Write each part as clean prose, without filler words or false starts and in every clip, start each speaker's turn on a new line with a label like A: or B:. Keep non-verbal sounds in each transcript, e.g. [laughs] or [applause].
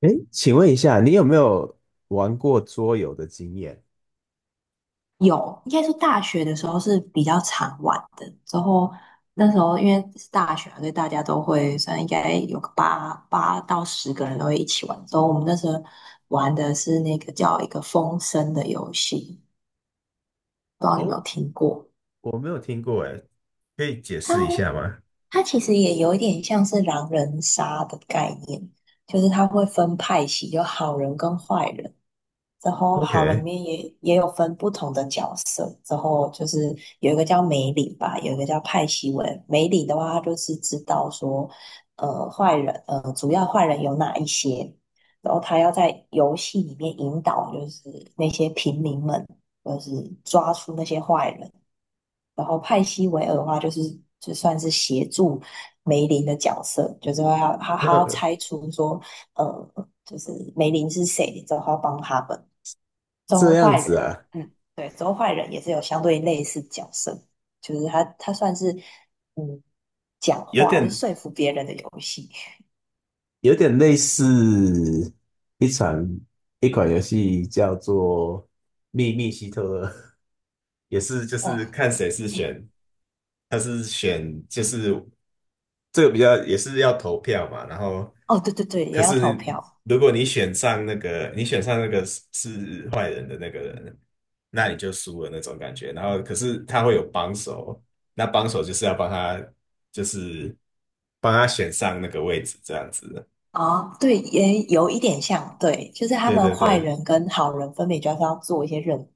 A: 诶，请问一下，你有没有玩过桌游的经验？
B: 有，应该说大学的时候是比较常玩的。之后那时候因为是大学嘛，所以大家都会，算应该有个八到十个人都会一起玩。之后我们那时候玩的是那个叫一个风声的游戏，不知道你有没有
A: 哦，
B: 听过？
A: 我没有听过诶，可以解释一下吗
B: 它其实也有一点像是狼人杀的概念，就是它会分派系，有好人跟坏人，然后好人里
A: ？OK，
B: 面也有分不同的角色，然后就是有一个叫梅里吧，有一个叫派西文。梅里的话，他就是知道说，坏人，主要坏人有哪一些，然后他要在游戏里面引导，就是那些平民们，就是抓出那些坏人。然后派西维尔的话，就是就算是协助梅林的角色，就是说要他要
A: 呃，
B: 拆出说，呃，就是梅林是谁，之后他要帮他们。
A: 这
B: 周
A: 样
B: 坏
A: 子
B: 人，
A: 啊，
B: 嗯，对，周坏人也是有相对类似角色，就是他算是嗯讲
A: 有
B: 话，就是
A: 点
B: 说服别人的游戏。
A: 有点类似一场一款游戏叫做《秘密希特勒》，也是就
B: 哦，
A: 是看谁是
B: 嗯，
A: 选，他是选就是这个比较也是要投票嘛，然后
B: 哦，对对对，也
A: 可
B: 要投
A: 是
B: 票。
A: 如果你选上那个，你选上那个是坏人的那个人，那你就输了那种感觉。然后可是他会有帮手，那帮手就是要帮他，就是帮他选上那个位置这样子。
B: 啊，对，也有一点像，对，就是他
A: 对
B: 们
A: 对
B: 坏
A: 对
B: 人跟好人分别就是要做一些任务，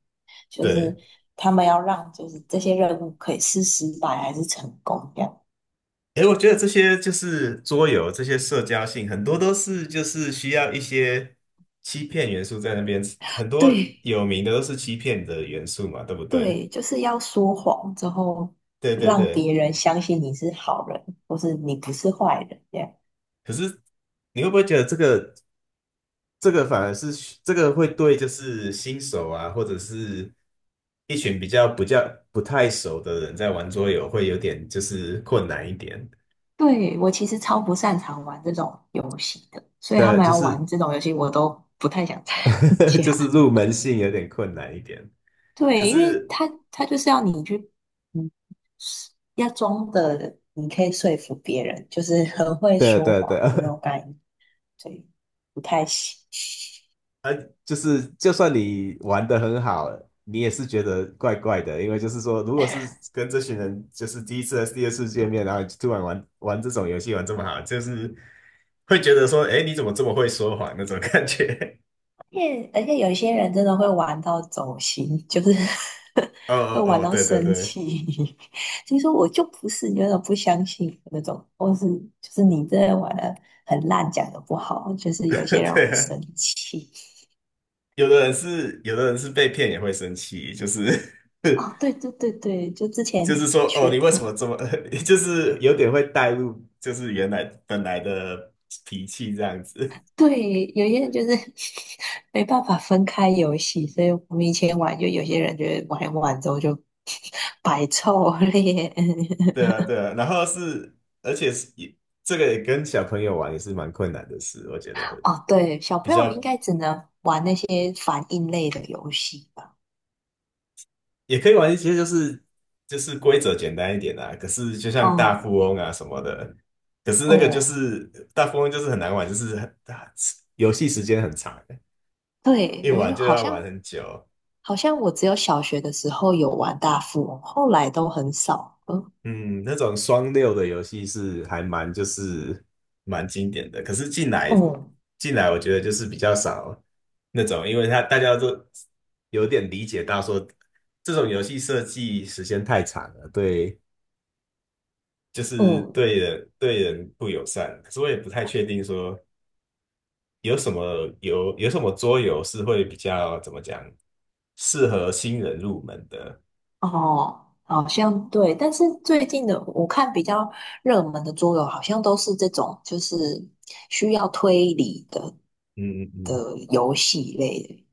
B: 就是
A: 对，
B: 他们要让就是这些任务可以是失败还是成功这样。
A: 诶，我觉得这些就是桌游，这些社交性很多都是就是需要一些欺骗元素在那边，很多
B: 对
A: 有名的都是欺骗的元素嘛，对不对？
B: 对，就是要说谎之后
A: 对对
B: 让
A: 对，
B: 别人相信你是好人，或是你不是坏人这样。
A: 可是你会不会觉得这个反而是这个会对就是新手啊，或者是一群比较不较不太熟的人在玩桌游会有点就是困难一点
B: 对，我其实超不擅长玩这种游戏的，所以他
A: 的，
B: 们
A: 就
B: 要
A: 是
B: 玩这种游戏我都不太想参
A: [laughs] 就是
B: 加。
A: 入门性有点困难一点。可
B: 对，因为
A: 是
B: 他就是要你去，嗯，要装的，你可以说服别人，就是很会
A: 对
B: 说
A: 对对，
B: 谎的那种
A: [laughs]
B: 感觉，所以不太行。
A: 呃，就是就算你玩的很好，你也是觉得怪怪的，因为就是说，如果是跟这群人就是第一次还是第二次见面，然后突然玩这种游戏玩这么好，就是会觉得说，哎，你怎么这么会说谎那种感觉。
B: 而且有一些人真的会玩到走心，就是
A: [laughs] 哦
B: [laughs] 会
A: 哦
B: 玩
A: 哦，
B: 到
A: 对对
B: 生
A: 对，
B: 气，[laughs] 就说我就不是，你为什么不相信那种，或是就是你真的玩的很烂，讲的不好，就是有些
A: [laughs]
B: 人
A: 对
B: 会
A: 啊，
B: 生气。
A: 有的人是被骗也会生气，就是
B: 哦，对对对对，就之
A: [laughs] 就是
B: 前
A: 说，哦，
B: 缺。
A: 你为什么这么，[laughs] 就是有点会带入，就是原来本来的脾气这样子。
B: 对，有些人就是 [laughs] 没办法分开游戏，所以我们以前玩，就有些人觉得玩一玩之后就 [laughs] 摆臭脸。[laughs]
A: 对啊，对啊，然后是，而且是也这个也跟小朋友玩也是蛮困难的事，我觉得
B: 哦，对，小
A: 比
B: 朋友
A: 较
B: 应该只能玩那些反应类的游戏吧？
A: 也可以玩一些，就是规则简单一点啊。可是就像大
B: 哦
A: 富翁啊什么的，可是那个就
B: 哦，
A: 是大富翁就是很难玩，就是很大，游戏时间很长，
B: 对，
A: 一
B: 我
A: 玩
B: 就
A: 就
B: 好
A: 要玩
B: 像
A: 很久。
B: 好像我只有小学的时候有玩大富翁，后来都很少了。
A: 嗯，那种双六的游戏是还蛮就是蛮经典的，可是进来
B: 嗯
A: 进来，我觉得就是比较少那种，因为他大家都有点理解到说，这种游戏设计时间太长了，对，就
B: 嗯。
A: 是
B: 哦
A: 对人不友善。可是我也不太确定说有什么有什么桌游是会比较怎么讲适合新人入门的。
B: 哦，好像对，但是最近的我看比较热门的桌游，好像都是这种就是需要推理的
A: 嗯嗯嗯，
B: 的游戏类的。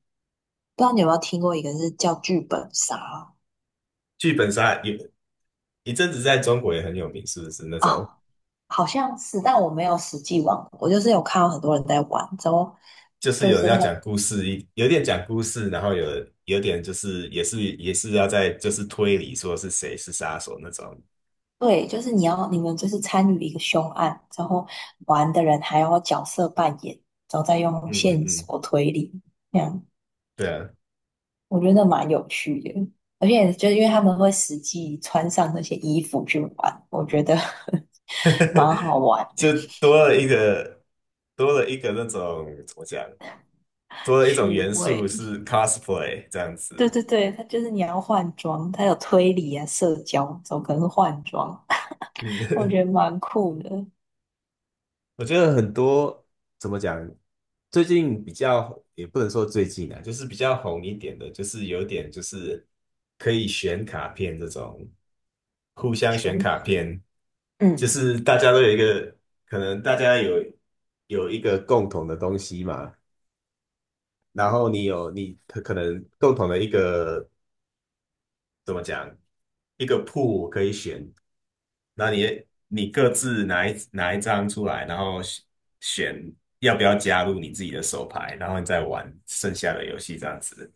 B: 不知道你有没有听过一个是叫剧本杀
A: 剧本杀有一阵子在中国也很有名，是不是那种？
B: 啊？好像是，但我没有实际玩过，我就是有看到很多人在玩，之后
A: 就是
B: 就
A: 有人
B: 是
A: 要讲
B: 很
A: 故事，有点讲故事，然后有点就是也是要在就是推理说是谁是杀手那种。
B: 对，就是你们就是参与一个凶案，之后玩的人还要角色扮演，然后再用
A: 嗯嗯
B: 线
A: 嗯，
B: 索推理，这样。
A: 对啊，
B: 我觉得蛮有趣的，而且就是因为他们会实际穿上那些衣服去玩，我觉得 [laughs] 蛮
A: [laughs]
B: 好玩的，
A: 就多了一个多了一个那种怎么讲，多了一种
B: 趣
A: 元素
B: 味。
A: 是 cosplay 这样
B: 对
A: 子。
B: 对对，它就是你要换装，它有推理啊、社交，总可能是换装？[laughs] 我
A: 嗯，
B: 觉
A: [laughs]
B: 得蛮酷的。
A: 我觉得很多怎么讲，最近比较也不能说最近啊，就是比较红一点的，就是有点就是可以选卡片这种，互相选卡片，就
B: 嗯，
A: 是大家都有一个，可能大家有一个共同的东西嘛，然后你有你可能共同的一个怎么讲，一个 pool 可以选，那你各自拿一张出来，然后选要不要加入你自己的手牌，然后你再玩剩下的游戏这样子。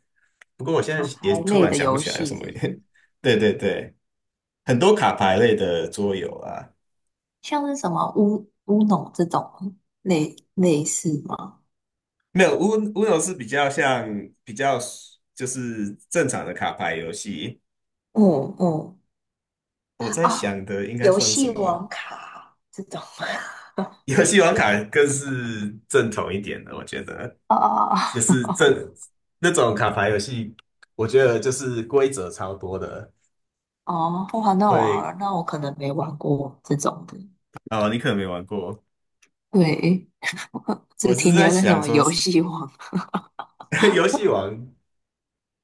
A: 不过我现
B: 打
A: 在也
B: 牌
A: 突
B: 类
A: 然
B: 的
A: 想不
B: 游
A: 起来有
B: 戏
A: 什么，
B: 是
A: [laughs] 对对对，很多卡牌类的桌游啊，
B: 像是什么乌龙这种类似吗？
A: 没有 u 是比较像比较就是正常的卡牌游戏。
B: 嗯嗯，
A: 我在
B: 啊，
A: 想的应该
B: 游
A: 算什
B: 戏
A: 么？
B: 王卡这种。[laughs]
A: [laughs] 游戏王卡更是正统一点的，我觉得。
B: 哦哦
A: 就是
B: 哦，[laughs]
A: 这那种卡牌游戏，我觉得就是规则超多的，
B: 哦，哇，那
A: 会
B: 我那我可能没玩过这种的，
A: [laughs] 哦，你可能没玩过。
B: 对，[laughs] 我
A: 我
B: 只
A: 是
B: 停
A: 在
B: 留在什
A: 想
B: 么
A: 说，
B: 游戏王。
A: [laughs] 游戏王，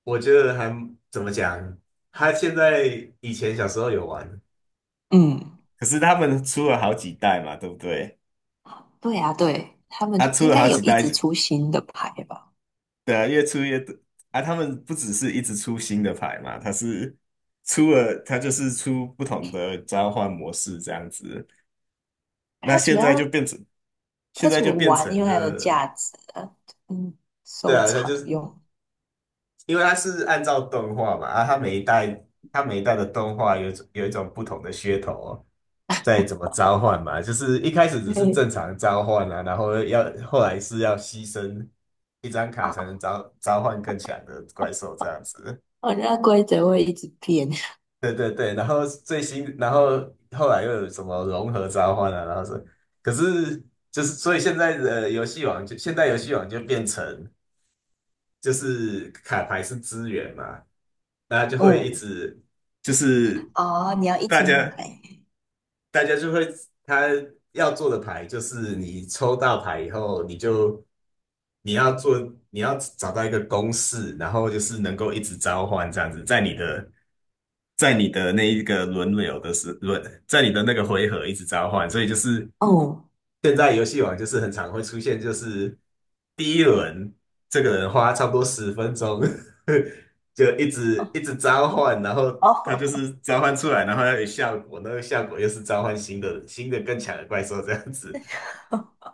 A: 我觉得还怎么讲，他现在以前小时候有玩，
B: 嗯，
A: 可是他们出了好几代嘛，对不对？
B: 对啊，对，他们
A: 他
B: 就
A: 出
B: 应
A: 了
B: 该
A: 好
B: 有
A: 几
B: 一直
A: 代，
B: 出新的牌吧？
A: 对啊，越出越多啊。他们不只是一直出新的牌嘛，他是出了，他就是出不同的召唤模式这样子。那
B: 它主
A: 现在就
B: 要
A: 变成现
B: 它
A: 在
B: 除
A: 就
B: 了
A: 变
B: 玩因
A: 成
B: 为它有
A: 这，
B: 价值啊，嗯，
A: 对
B: 收
A: 啊，它
B: 藏
A: 就是
B: 用。
A: 因为它是按照动画嘛，啊，它每一代的动画有一种不同的噱头哦，在怎么召唤嘛，就是一开始只是正
B: 对
A: 常召唤啊，然后要后来是要牺牲一张卡才能
B: 啊，
A: 召唤更强的怪兽这样子。
B: 哦，那规则会一直变。[laughs]
A: 对对对，然后最新，然后后来又有什么融合召唤啊，然后是，可是就是所以现在游戏王就变成。就是卡牌是资源嘛，那就会一
B: 嗯，
A: 直就是
B: 哦，你要一
A: 大
B: 直
A: 家
B: 买。
A: 大家就会他要做的牌就是你抽到牌以后，你就你要做你要找到一个公式，然后就是能够一直召唤这样子，在你的那一个轮流的时轮，在你的那个回合一直召唤，所以就是
B: 哦
A: 现在游戏王就是很常会出现，就是第一轮这个人花差不多十分钟，[laughs] 就一直一直召唤，然后他就
B: 哦，
A: 是召唤出来，然后要有效果，那个效果又是召唤新的更强的怪兽这样子。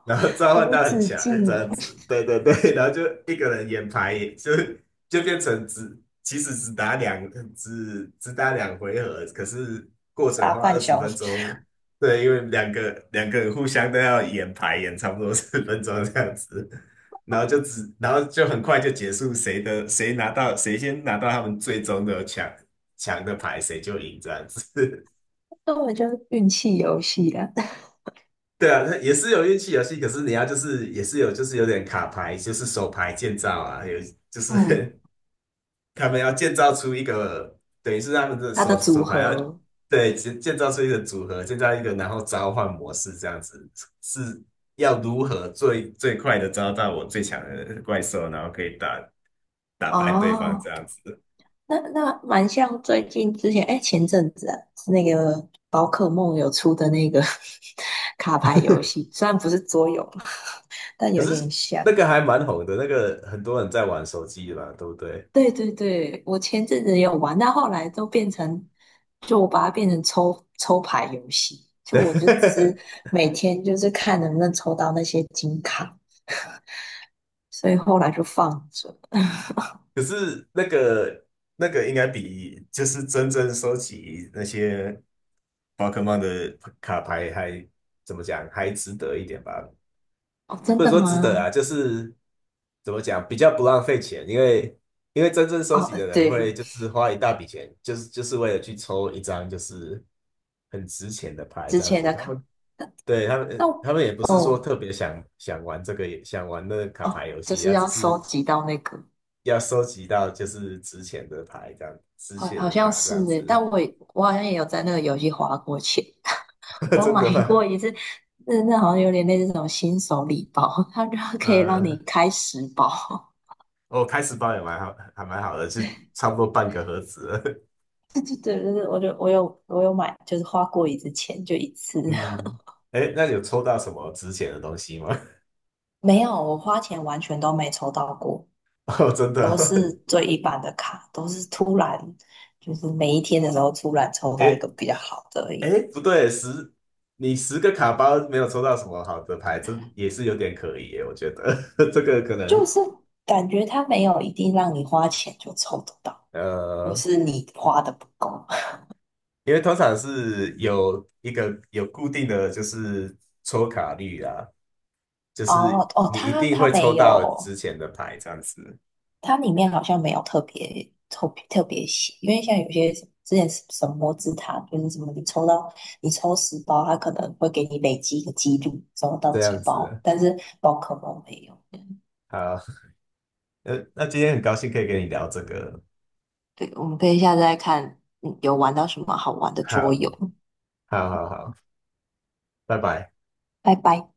A: 然后
B: [laughs]
A: 召唤
B: 无
A: 到很
B: 止
A: 强这
B: 境
A: 样子，对对对，然后就一个人演牌，就变成只其实只打两只打两回合，可是过程
B: 打
A: 花二
B: 半
A: 十
B: 小
A: 分
B: 时，
A: 钟，对，因为两个人互相都要演牌，演差不多十分钟这样子，然后然后就很快就结束，谁先拿到他们最终的强的牌，谁就赢这样子。
B: [laughs] 那我就是运气游戏啊。
A: 对啊，那也是有运气游戏，可是你要就是也是有就是有点卡牌，就是手牌建造啊，有就
B: [laughs] 嗯。
A: 是 [laughs] 他们要建造出一个，等于是他们的
B: 它
A: 手
B: 的组
A: 手牌要
B: 合。
A: 对建造出一个组合，建造一个然后召唤模式这样子，是要如何最快的招到我最强的怪兽，然后可以打败对方这
B: 哦，
A: 样子。
B: 那蛮像最近之前，哎，前阵子啊，是那个宝可梦有出的那个 [laughs] 卡牌游
A: [laughs]
B: 戏，虽然不是桌游，但
A: 可
B: 有
A: 是
B: 点像。
A: 那个还蛮红的，那个很多人在玩手机嘛，对不对？
B: 对对对，我前阵子也有玩，但后来都变成，就我把它变成抽抽牌游戏，
A: [laughs]
B: 就我就
A: 对，
B: 只每天就是看能不能抽到那些金卡，所以后来就放着。
A: 可是那个应该比就是真正收集那些宝可梦的卡牌还怎么讲，还值得一点吧？
B: 哦，真
A: 不能
B: 的
A: 说值
B: 吗？
A: 得啊，就是怎么讲，比较不浪费钱，因为真正收
B: 哦，
A: 集的人会
B: 对，
A: 就是花一大笔钱，就是为了去抽一张就是很值钱的牌
B: 之
A: 这样
B: 前
A: 子。
B: 的
A: 他
B: 卡。
A: 们对他们呃
B: 那，
A: 他们也不是说
B: 哦
A: 特别想玩这个想玩那个卡牌
B: 哦，
A: 游
B: 就
A: 戏，
B: 是
A: 他只
B: 要
A: 是
B: 收集到那个，
A: 要收集到就是值钱的牌，这样值
B: 好
A: 钱
B: 好
A: 的
B: 像
A: 卡这
B: 是
A: 样
B: 诶，
A: 子，
B: 但我好像也有在那个游戏花过钱，[laughs]
A: [laughs]
B: 我
A: 真的
B: 买
A: 吗？
B: 过一次，那好像有点类似那种新手礼包，它就可以让你
A: 呃，
B: 开十包。
A: 我、开始包也蛮好，还蛮好的，就差不多半个盒子了
B: [laughs] 就对，对，对，我有买，就是花过一次钱，就一次。
A: [laughs] 嗯，哎，那你有抽到什么值钱的东西吗？
B: [laughs] 没有，我花钱完全都没抽到过，
A: [laughs] 哦，真的
B: 都
A: 哦，
B: 是最一般的卡，都是突然就是每一天的时候突然抽
A: [laughs]
B: 到一
A: 哎
B: 个比较好的而已。
A: 哎，不对，你10个卡包没有抽到什么好的牌，这也是有点可疑耶，我觉得 [laughs] 这个可
B: 就
A: 能
B: 是感觉它没有一定让你花钱就抽得到，或
A: 呃，
B: 是你花的不够。
A: 因为通常是有一个有固定的就是抽卡率啊，就是
B: 哦哦，
A: 你一
B: 它
A: 定
B: 它
A: 会
B: 没
A: 抽到
B: 有，
A: 之前的牌，
B: 它里面好像没有特别特别特别写，因为像有些之前什么摩之塔，就是什么你抽十包，它可能会给你累积一个几率抽到
A: 这样
B: 几包，
A: 子。
B: 但是宝可梦没有。
A: 好，那今天很高兴可以跟你聊这个。
B: 对，我们可以下次再看，有玩到什么好玩的桌游。
A: 好，好，好，好，拜拜。
B: 拜拜。